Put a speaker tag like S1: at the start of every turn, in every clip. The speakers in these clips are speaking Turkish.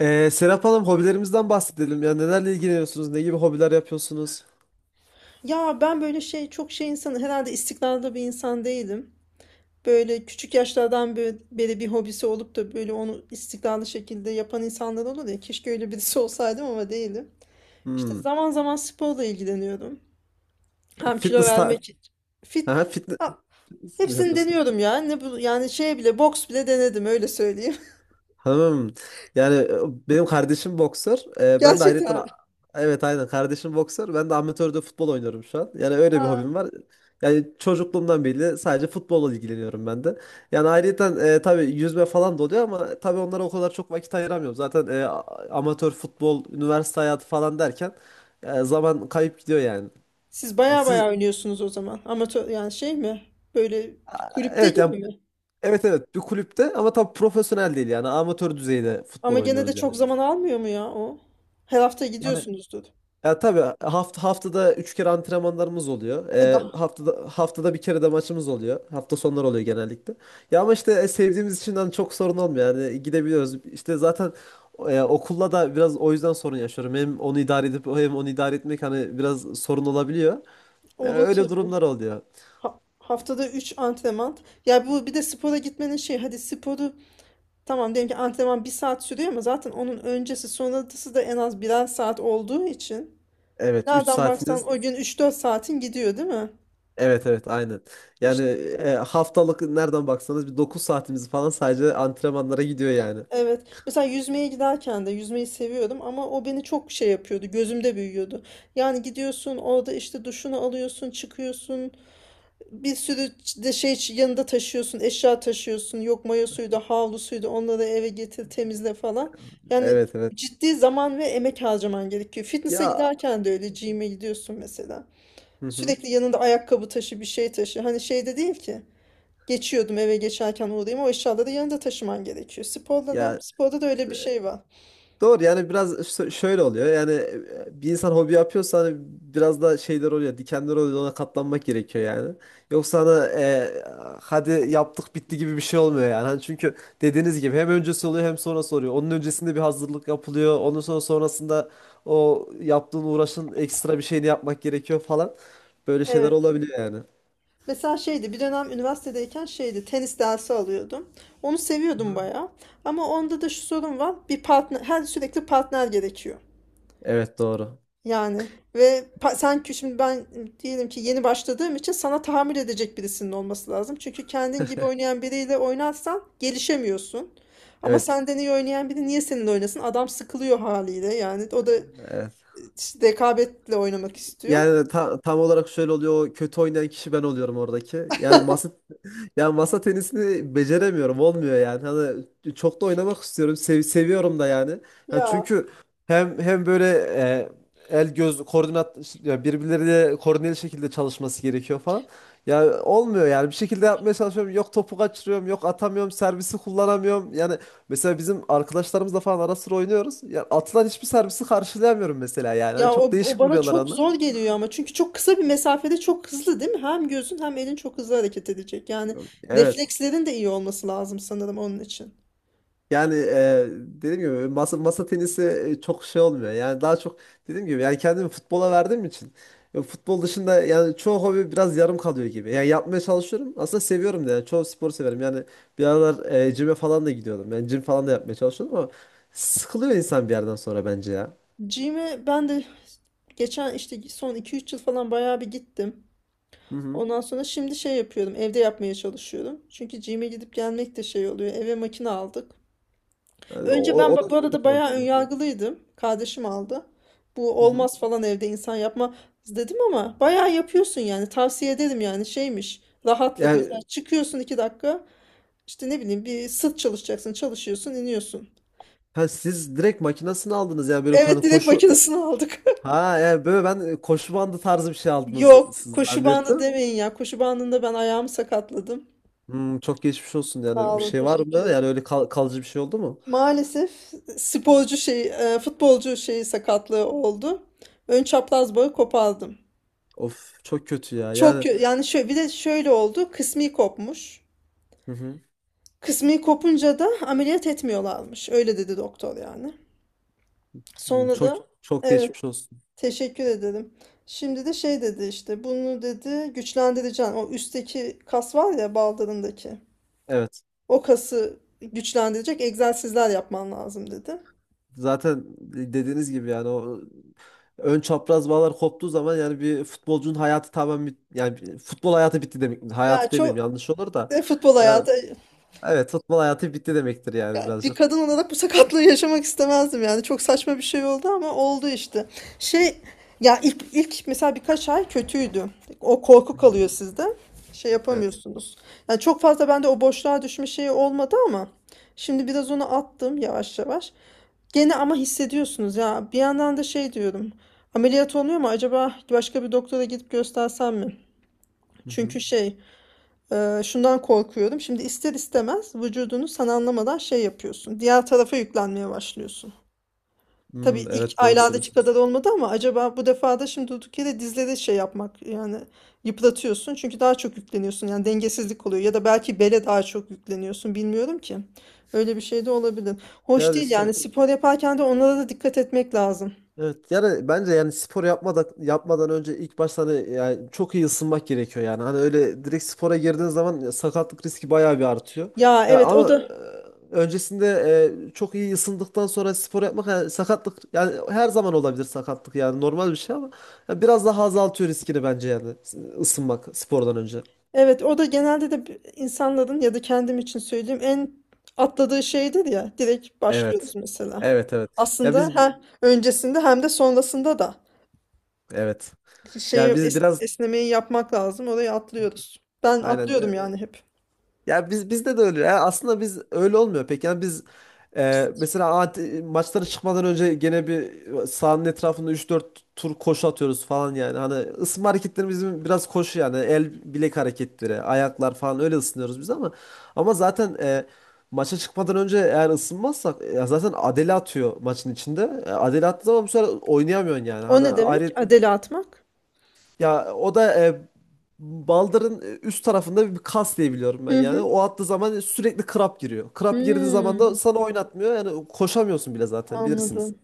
S1: Serap Hanım, hobilerimizden bahsedelim. Ya nelerle ilgileniyorsunuz? Ne gibi hobiler yapıyorsunuz?
S2: Ya ben böyle şey çok şey insanı herhalde istikrarlı bir insan değilim. Böyle küçük yaşlardan beri bir hobisi olup da böyle onu istikrarlı şekilde yapan insanlar olur ya. Keşke öyle birisi olsaydım ama değilim. İşte
S1: Hmm.
S2: zaman zaman sporla ilgileniyorum. Hem kilo
S1: Fitness
S2: vermek
S1: ta...
S2: için.
S1: Aha,
S2: Fit. Ha,
S1: fitness mi
S2: hepsini
S1: yapıyorsunuz?
S2: deniyorum ya. Ne bu yani şey bile boks bile denedim öyle söyleyeyim.
S1: Tamam. Yani e, benim kardeşim boksör. Ben de
S2: Gerçekten.
S1: ayrıca... Evet, aynen, kardeşim boksör. Ben de amatörde futbol oynuyorum şu an. Yani öyle bir
S2: Aa.
S1: hobim var. Yani çocukluğumdan beri sadece futbolla ilgileniyorum ben de. Yani ayrıca tabii yüzme falan da oluyor ama tabii onlara o kadar çok vakit ayıramıyorum. Zaten amatör futbol, üniversite hayatı falan derken zaman kayıp gidiyor yani.
S2: Siz baya
S1: Siz...
S2: baya oynuyorsunuz o zaman. Amatör yani şey mi? Böyle bir kulüpte
S1: evet
S2: gibi
S1: yani,
S2: mi?
S1: evet evet, bir kulüpte ama tabii profesyonel değil, yani amatör düzeyde futbol
S2: Ama gene de
S1: oynuyoruz yani.
S2: çok zaman almıyor mu ya o? Her hafta
S1: Yani...
S2: gidiyorsunuzdur.
S1: Ya tabii haftada 3 kere antrenmanlarımız oluyor.
S2: E daha.
S1: Haftada bir kere de maçımız oluyor. Hafta sonları oluyor genellikle. Ya ama işte sevdiğimiz için hani çok sorun olmuyor. Yani gidebiliyoruz. İşte zaten okulla da biraz o yüzden sorun yaşıyorum. Hem onu idare edip hem onu idare etmek hani biraz sorun olabiliyor.
S2: Olur
S1: Öyle
S2: tabii.
S1: durumlar oluyor.
S2: Haftada üç antrenman. Ya bu bir de spora gitmenin şey hadi sporu tamam diyelim ki antrenman bir saat sürüyor ama zaten onun öncesi sonrası da en az birer saat olduğu için
S1: Evet, 3
S2: nereden baksan
S1: saatiniz.
S2: o gün 3 4 saatin gidiyor değil mi?
S1: Evet evet aynen. Yani haftalık nereden baksanız bir 9 saatimiz falan sadece antrenmanlara gidiyor yani.
S2: Evet. Mesela yüzmeye giderken de yüzmeyi seviyordum ama o beni çok şey yapıyordu. Gözümde büyüyordu. Yani gidiyorsun orada işte duşunu alıyorsun, çıkıyorsun. Bir sürü de şey yanında taşıyorsun, eşya taşıyorsun. Yok mayo suyu da, havlu suyu da onları eve getir, temizle falan. Yani
S1: Evet evet.
S2: ciddi zaman ve emek harcaman gerekiyor. Fitness'a
S1: Ya,
S2: giderken de öyle gym'e gidiyorsun mesela.
S1: hı hı.
S2: Sürekli yanında ayakkabı taşı, bir şey taşı. Hani şey de değil ki. Geçiyordum eve geçerken uğrayayım. O eşyaları yanında taşıman gerekiyor. Sporda da,
S1: Ya,
S2: sporda da öyle bir şey var.
S1: doğru, yani biraz şöyle oluyor yani, bir insan hobi yapıyorsa hani biraz da şeyler oluyor, dikenler oluyor, ona katlanmak gerekiyor yani. Yoksa hani hadi yaptık bitti gibi bir şey olmuyor yani. Hani çünkü dediğiniz gibi hem öncesi oluyor hem sonrası oluyor. Onun öncesinde bir hazırlık yapılıyor. Onun sonrasında o yaptığın uğraşın ekstra bir şeyini yapmak gerekiyor falan. Böyle şeyler
S2: Evet.
S1: olabiliyor yani.
S2: Mesela şeydi bir dönem üniversitedeyken şeydi tenis dersi alıyordum. Onu seviyordum bayağı. Ama onda da şu sorun var. Bir partner, her sürekli partner gerekiyor.
S1: Evet doğru.
S2: Yani ve sen şimdi ben diyelim ki yeni başladığım için sana tahammül edecek birisinin olması lazım. Çünkü kendin gibi oynayan biriyle oynarsan gelişemiyorsun. Ama
S1: Evet.
S2: senden iyi oynayan biri niye seninle oynasın? Adam sıkılıyor haliyle yani. O da
S1: Evet.
S2: işte rekabetle oynamak istiyor.
S1: Yani tam olarak şöyle oluyor. O kötü oynayan kişi ben oluyorum oradaki. Yani masa... yani masa tenisini beceremiyorum. Olmuyor yani. Hani çok da oynamak istiyorum. Seviyorum da yani. Hani
S2: Ya
S1: çünkü hem böyle el göz koordinat, ya birbirleriyle koordineli şekilde çalışması gerekiyor falan. Yani olmuyor yani. Bir şekilde yapmaya çalışıyorum. Yok topu kaçırıyorum. Yok atamıyorum. Servisi kullanamıyorum. Yani mesela bizim arkadaşlarımızla falan ara sıra oynuyoruz. Ya atılan hiçbir servisi karşılayamıyorum mesela yani. Hani
S2: Ya
S1: çok
S2: o, o
S1: değişik
S2: bana
S1: vuruyorlar
S2: çok
S1: onlar.
S2: zor geliyor ama çünkü çok kısa bir mesafede çok hızlı değil mi? Hem gözün hem elin çok hızlı hareket edecek. Yani
S1: Evet.
S2: reflekslerin de iyi olması lazım sanırım onun için.
S1: Yani dediğim gibi masa tenisi çok şey olmuyor. Yani daha çok dediğim gibi, yani kendimi futbola verdiğim için futbol dışında yani çoğu hobi biraz yarım kalıyor gibi. Yani yapmaya çalışıyorum. Aslında seviyorum da yani, çoğu sporu severim. Yani bir aralar cime falan da gidiyordum. Yani cim falan da yapmaya çalışıyordum ama sıkılıyor insan bir yerden sonra bence ya.
S2: Gym'e ben de geçen işte son 2 3 yıl falan bayağı bir gittim.
S1: Hı hı.
S2: Ondan sonra şimdi şey yapıyorum. Evde yapmaya çalışıyorum. Çünkü gym'e gidip gelmek de şey oluyor. Eve makine aldık.
S1: Yani
S2: Önce ben
S1: o da
S2: bu arada
S1: çok
S2: bayağı
S1: mantıklı.
S2: önyargılıydım. Kardeşim aldı.
S1: Hı
S2: Bu
S1: hı.
S2: olmaz falan evde insan yapma dedim ama bayağı yapıyorsun yani. Tavsiye ederim yani şeymiş. Rahatlık mesela
S1: Yani
S2: çıkıyorsun 2 dakika. İşte ne bileyim bir sırt çalışacaksın. Çalışıyorsun iniyorsun.
S1: ha, siz direkt makinesini aldınız ya, böyle
S2: Evet
S1: hani
S2: direkt
S1: koşu...
S2: makinesini aldık.
S1: Ha yani böyle ben koşu bandı tarzı bir şey aldınız
S2: Yok
S1: siz
S2: koşu bandı
S1: zannettim.
S2: demeyin ya. Koşu bandında ben ayağımı sakatladım.
S1: Hmm, çok geçmiş olsun.
S2: Sağ
S1: Yani bir
S2: olun
S1: şey var mı?
S2: teşekkür ederim.
S1: Yani öyle kalıcı bir şey oldu mu?
S2: Maalesef sporcu şey futbolcu şeyi sakatlığı oldu. Ön çapraz bağı kopardım.
S1: Of, çok kötü ya.
S2: Çok
S1: Yani,
S2: kö- yani şöyle bir de şöyle oldu. Kısmi kopmuş.
S1: hı hı.
S2: Kısmi kopunca da ameliyat etmiyorlarmış. Öyle dedi doktor yani.
S1: Hmm,
S2: Sonra da
S1: çok
S2: evet
S1: geçmiş olsun.
S2: teşekkür ederim. Şimdi de şey dedi işte bunu dedi güçlendireceğim. O üstteki kas var ya baldırındaki.
S1: Evet.
S2: O kası güçlendirecek egzersizler yapman lazım dedi.
S1: Zaten dediğiniz gibi yani o ön çapraz bağlar koptuğu zaman yani bir futbolcunun hayatı tamamen yani futbol hayatı bitti demek.
S2: Ya
S1: Hayatı demeyeyim,
S2: çok
S1: yanlış olur da.
S2: futbol
S1: Yani
S2: hayatı.
S1: evet, futbol hayatı bitti demektir yani
S2: Yani bir
S1: birazcık.
S2: kadın olarak bu sakatlığı yaşamak istemezdim yani. Çok saçma bir şey oldu ama oldu işte. Şey ya ilk mesela birkaç ay kötüydü. O korku
S1: Hı hı.
S2: kalıyor sizde. Şey
S1: Evet.
S2: yapamıyorsunuz. Yani çok fazla bende o boşluğa düşme şeyi olmadı ama şimdi biraz onu attım yavaş yavaş. Gene ama hissediyorsunuz ya. Bir yandan da şey diyorum. Ameliyat oluyor mu acaba başka bir doktora gidip göstersem mi?
S1: Hı hı.
S2: Çünkü şey şundan korkuyorum. Şimdi ister istemez vücudunu sen anlamadan şey yapıyorsun. Diğer tarafa yüklenmeye başlıyorsun. Tabii
S1: Hmm,
S2: ilk
S1: evet doğru
S2: aylardaki
S1: söylüyorsun.
S2: kadar olmadı ama acaba bu defa da şimdi durduk yere dizleri şey yapmak yani yıpratıyorsun. Çünkü daha çok yükleniyorsun yani dengesizlik oluyor ya da belki bele daha çok yükleniyorsun bilmiyorum ki. Öyle bir şey de olabilir. Hoş
S1: Yani
S2: değil
S1: işte...
S2: yani spor yaparken de onlara da dikkat etmek lazım.
S1: Evet, yani bence yani spor yapmadan yapmadan önce ilk başta hani yani çok iyi ısınmak gerekiyor yani. Hani öyle direkt spora girdiğin zaman sakatlık riski bayağı bir artıyor.
S2: Ya
S1: Ya
S2: evet o
S1: ama
S2: da
S1: öncesinde çok iyi ısındıktan sonra spor yapmak, yani sakatlık yani her zaman olabilir, sakatlık yani normal bir şey ama ya biraz daha azaltıyor riskini bence yani, ısınmak spordan önce.
S2: Evet, o da genelde de insanların ya da kendim için söyleyeyim en atladığı şeydir ya. Direkt başlıyoruz
S1: Evet.
S2: mesela.
S1: Evet evet. Ya
S2: Aslında
S1: biz... evet.
S2: hem öncesinde hem de sonrasında da
S1: Evet.
S2: şeyi
S1: Yani biz biraz...
S2: esnemeyi yapmak lazım. Orayı atlıyoruz. Ben
S1: aynen...
S2: atlıyordum yani hep.
S1: Ya biz, bizde de öyle. Yani aslında biz öyle olmuyor pek. Yani biz mesela maçlara çıkmadan önce gene bir sahanın etrafında üç dört tur koşu atıyoruz falan yani. Hani ısınma hareketlerimiz bizim biraz koşu yani. El bilek hareketleri, ayaklar falan, öyle ısınıyoruz biz ama ama zaten maça çıkmadan önce eğer ısınmazsak zaten Adele atıyor maçın içinde. Adele attığı zaman bu sefer oynayamıyorsun yani.
S2: O
S1: Hani
S2: ne demek?
S1: ayrı...
S2: Adele atmak.
S1: ya o da baldırın üst tarafında bir kas diye biliyorum ben
S2: Hı
S1: yani.
S2: hı.
S1: O attığı zaman sürekli krap giriyor. Krap girdiği zaman da
S2: Hmm,
S1: sana oynatmıyor. Yani koşamıyorsun bile zaten, bilirsiniz.
S2: anladım.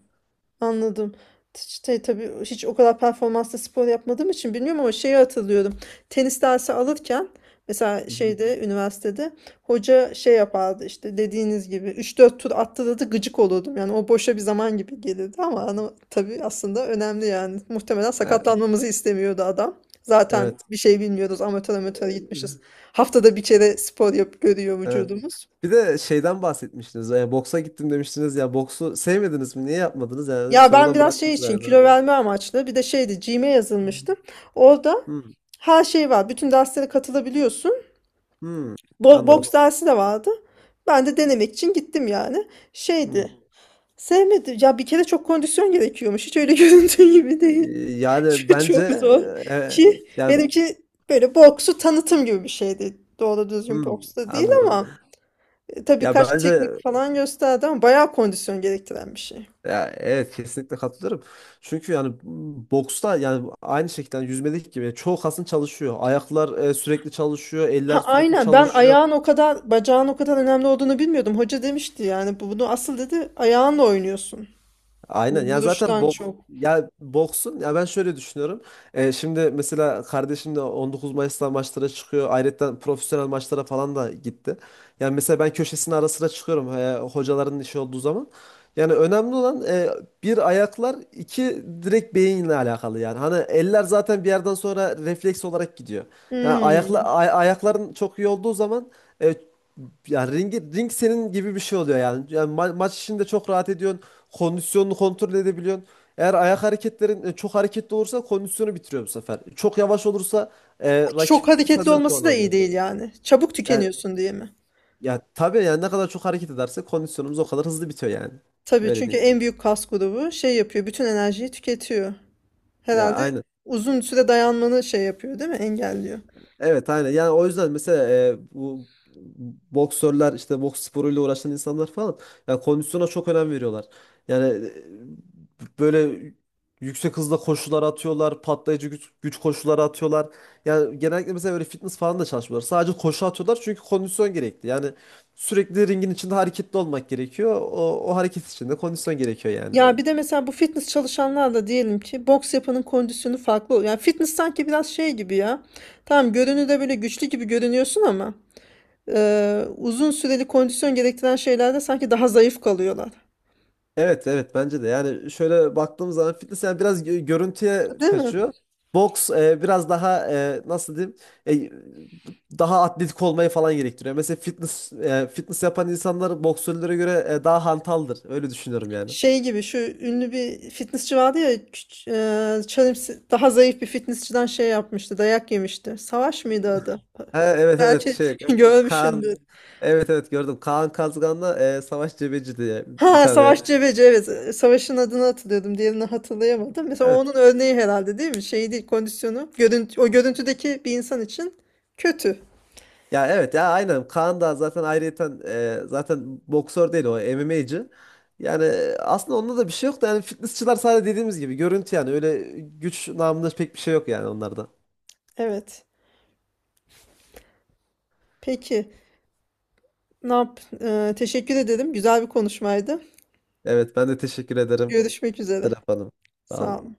S2: Anladım. İşte tabii hiç o kadar performanslı spor yapmadığım için bilmiyorum ama şeyi hatırlıyorum. Tenis dersi alırken mesela
S1: Hı hı.
S2: şeyde üniversitede hoca şey yapardı işte dediğiniz gibi 3 4 tur attırırdı gıcık olurdum. Yani o boşa bir zaman gibi gelirdi ama ana, tabii aslında önemli yani. Muhtemelen
S1: E,
S2: sakatlanmamızı istemiyordu adam. Zaten
S1: evet.
S2: bir şey bilmiyoruz amatör amatör gitmişiz.
S1: E,
S2: Haftada bir kere spor yap görüyor
S1: evet.
S2: vücudumuz.
S1: Bir de şeyden bahsetmiştiniz. Boksa gittim demiştiniz ya. Boksu sevmediniz mi? Niye yapmadınız yani?
S2: Ya ben
S1: Sonradan
S2: biraz şey
S1: bıraktınız
S2: için
S1: galiba.
S2: kilo verme amaçlı bir de şeydi gym'e yazılmıştım. Orada
S1: Hmm.
S2: her şey var. Bütün derslere katılabiliyorsun.
S1: Hmm.
S2: Boks
S1: Anladım.
S2: dersi de vardı. Ben de denemek için gittim yani.
S1: Hmm.
S2: Şeydi. Sevmedim. Ya bir kere çok kondisyon gerekiyormuş. Hiç öyle göründüğü gibi
S1: E,
S2: değil.
S1: yani
S2: Çok,
S1: bence
S2: çok zor.
S1: e,
S2: Ki
S1: yani
S2: benimki böyle boksu tanıtım gibi bir şeydi. Doğru düzgün
S1: hmm,
S2: boks da değil
S1: anladım.
S2: ama tabii
S1: Ya
S2: kaç
S1: bence...
S2: teknik falan gösterdi ama bayağı kondisyon gerektiren bir şey.
S1: Ya evet, kesinlikle katılıyorum. Çünkü yani boksta yani aynı şekilde yüzmedik gibi yani, çoğu kasın çalışıyor. Ayaklar sürekli çalışıyor,
S2: Ha
S1: eller sürekli
S2: aynen ben
S1: çalışıyor.
S2: ayağın o kadar bacağın o kadar önemli olduğunu bilmiyordum. Hoca demişti yani bunu asıl dedi ayağınla oynuyorsun.
S1: Aynen ya, zaten
S2: Vuruştan çok.
S1: ya boksun, ya ben şöyle düşünüyorum. Şimdi mesela kardeşim de 19 Mayıs'ta maçlara çıkıyor. Ayrıca profesyonel maçlara falan da gitti. Yani mesela ben köşesine ara sıra çıkıyorum hocaların işi olduğu zaman. Yani önemli olan bir ayaklar, iki direkt beyinle alakalı yani. Hani eller zaten bir yerden sonra refleks olarak gidiyor. Yani
S2: Hmm.
S1: ayakların çok iyi olduğu zaman e, ya ring senin gibi bir şey oluyor yani. Yani maç içinde çok rahat ediyor. Kondisyonunu kontrol edebiliyorsun. Eğer ayak hareketlerin çok hareketli olursa kondisyonu bitiriyor bu sefer. Çok yavaş olursa rakip
S2: Çok hareketli
S1: senden puan
S2: olması da iyi
S1: alıyor.
S2: değil yani. Çabuk
S1: Yani,
S2: tükeniyorsun diye mi?
S1: ya tabii yani ne kadar çok hareket ederse kondisyonumuz o kadar hızlı bitiyor yani.
S2: Tabii
S1: Öyle
S2: çünkü
S1: diyeyim.
S2: en büyük kas grubu şey yapıyor bütün enerjiyi tüketiyor.
S1: Ya
S2: Herhalde
S1: aynen.
S2: uzun süre dayanmanı şey yapıyor değil mi? Engelliyor.
S1: Evet aynen. Yani o yüzden mesela bu boksörler, işte boks sporuyla uğraşan insanlar falan yani kondisyona çok önem veriyorlar. Yani böyle yüksek hızda koşular atıyorlar, patlayıcı güç, güç koşuları atıyorlar. Yani genellikle mesela böyle fitness falan da çalışmıyorlar. Sadece koşu atıyorlar çünkü kondisyon gerekli. Yani sürekli ringin içinde hareketli olmak gerekiyor. O hareket içinde kondisyon gerekiyor yani.
S2: Ya bir de mesela bu fitness çalışanlarla diyelim ki boks yapanın kondisyonu farklı oluyor. Yani fitness sanki biraz şey gibi ya. Tamam görünürde böyle güçlü gibi görünüyorsun ama uzun süreli kondisyon gerektiren şeylerde sanki daha zayıf kalıyorlar.
S1: Evet evet, bence de yani şöyle baktığımız zaman fitness yani biraz görüntüye
S2: Değil mi?
S1: kaçıyor. Boks biraz daha nasıl diyeyim daha atletik olmayı falan gerektiriyor. Mesela fitness yapan insanlar boksörlere göre daha hantaldır. Öyle düşünüyorum yani.
S2: Şey gibi şu ünlü bir fitnessçi vardı ya daha zayıf bir fitnessçiden şey yapmıştı dayak yemişti. Savaş mıydı adı?
S1: Ha, evet evet,
S2: Belki görmüşsündür.
S1: Kaan... evet evet gördüm. Kaan Kazgan'la Savaş Cebeci diye bir
S2: Ha
S1: tane,
S2: Savaş Cebeci evet. Savaş'ın adını hatırlıyordum. Diğerini hatırlayamadım. Mesela
S1: evet.
S2: onun örneği herhalde değil mi? Şey değil kondisyonu. Görüntü, o görüntüdeki bir insan için kötü.
S1: Ya evet, ya aynen, Kaan da zaten ayrıyeten zaten boksör değil, o MMA'cı. Yani aslında onda da bir şey yok da yani fitnessçılar sadece dediğimiz gibi görüntü, yani öyle güç namında pek bir şey yok yani onlarda.
S2: Evet. Peki. Ne yap? Teşekkür ederim. Güzel bir konuşmaydı.
S1: Evet, ben de teşekkür ederim
S2: Görüşmek üzere.
S1: Serap Hanım. Sağ
S2: Sağ
S1: olun.
S2: olun.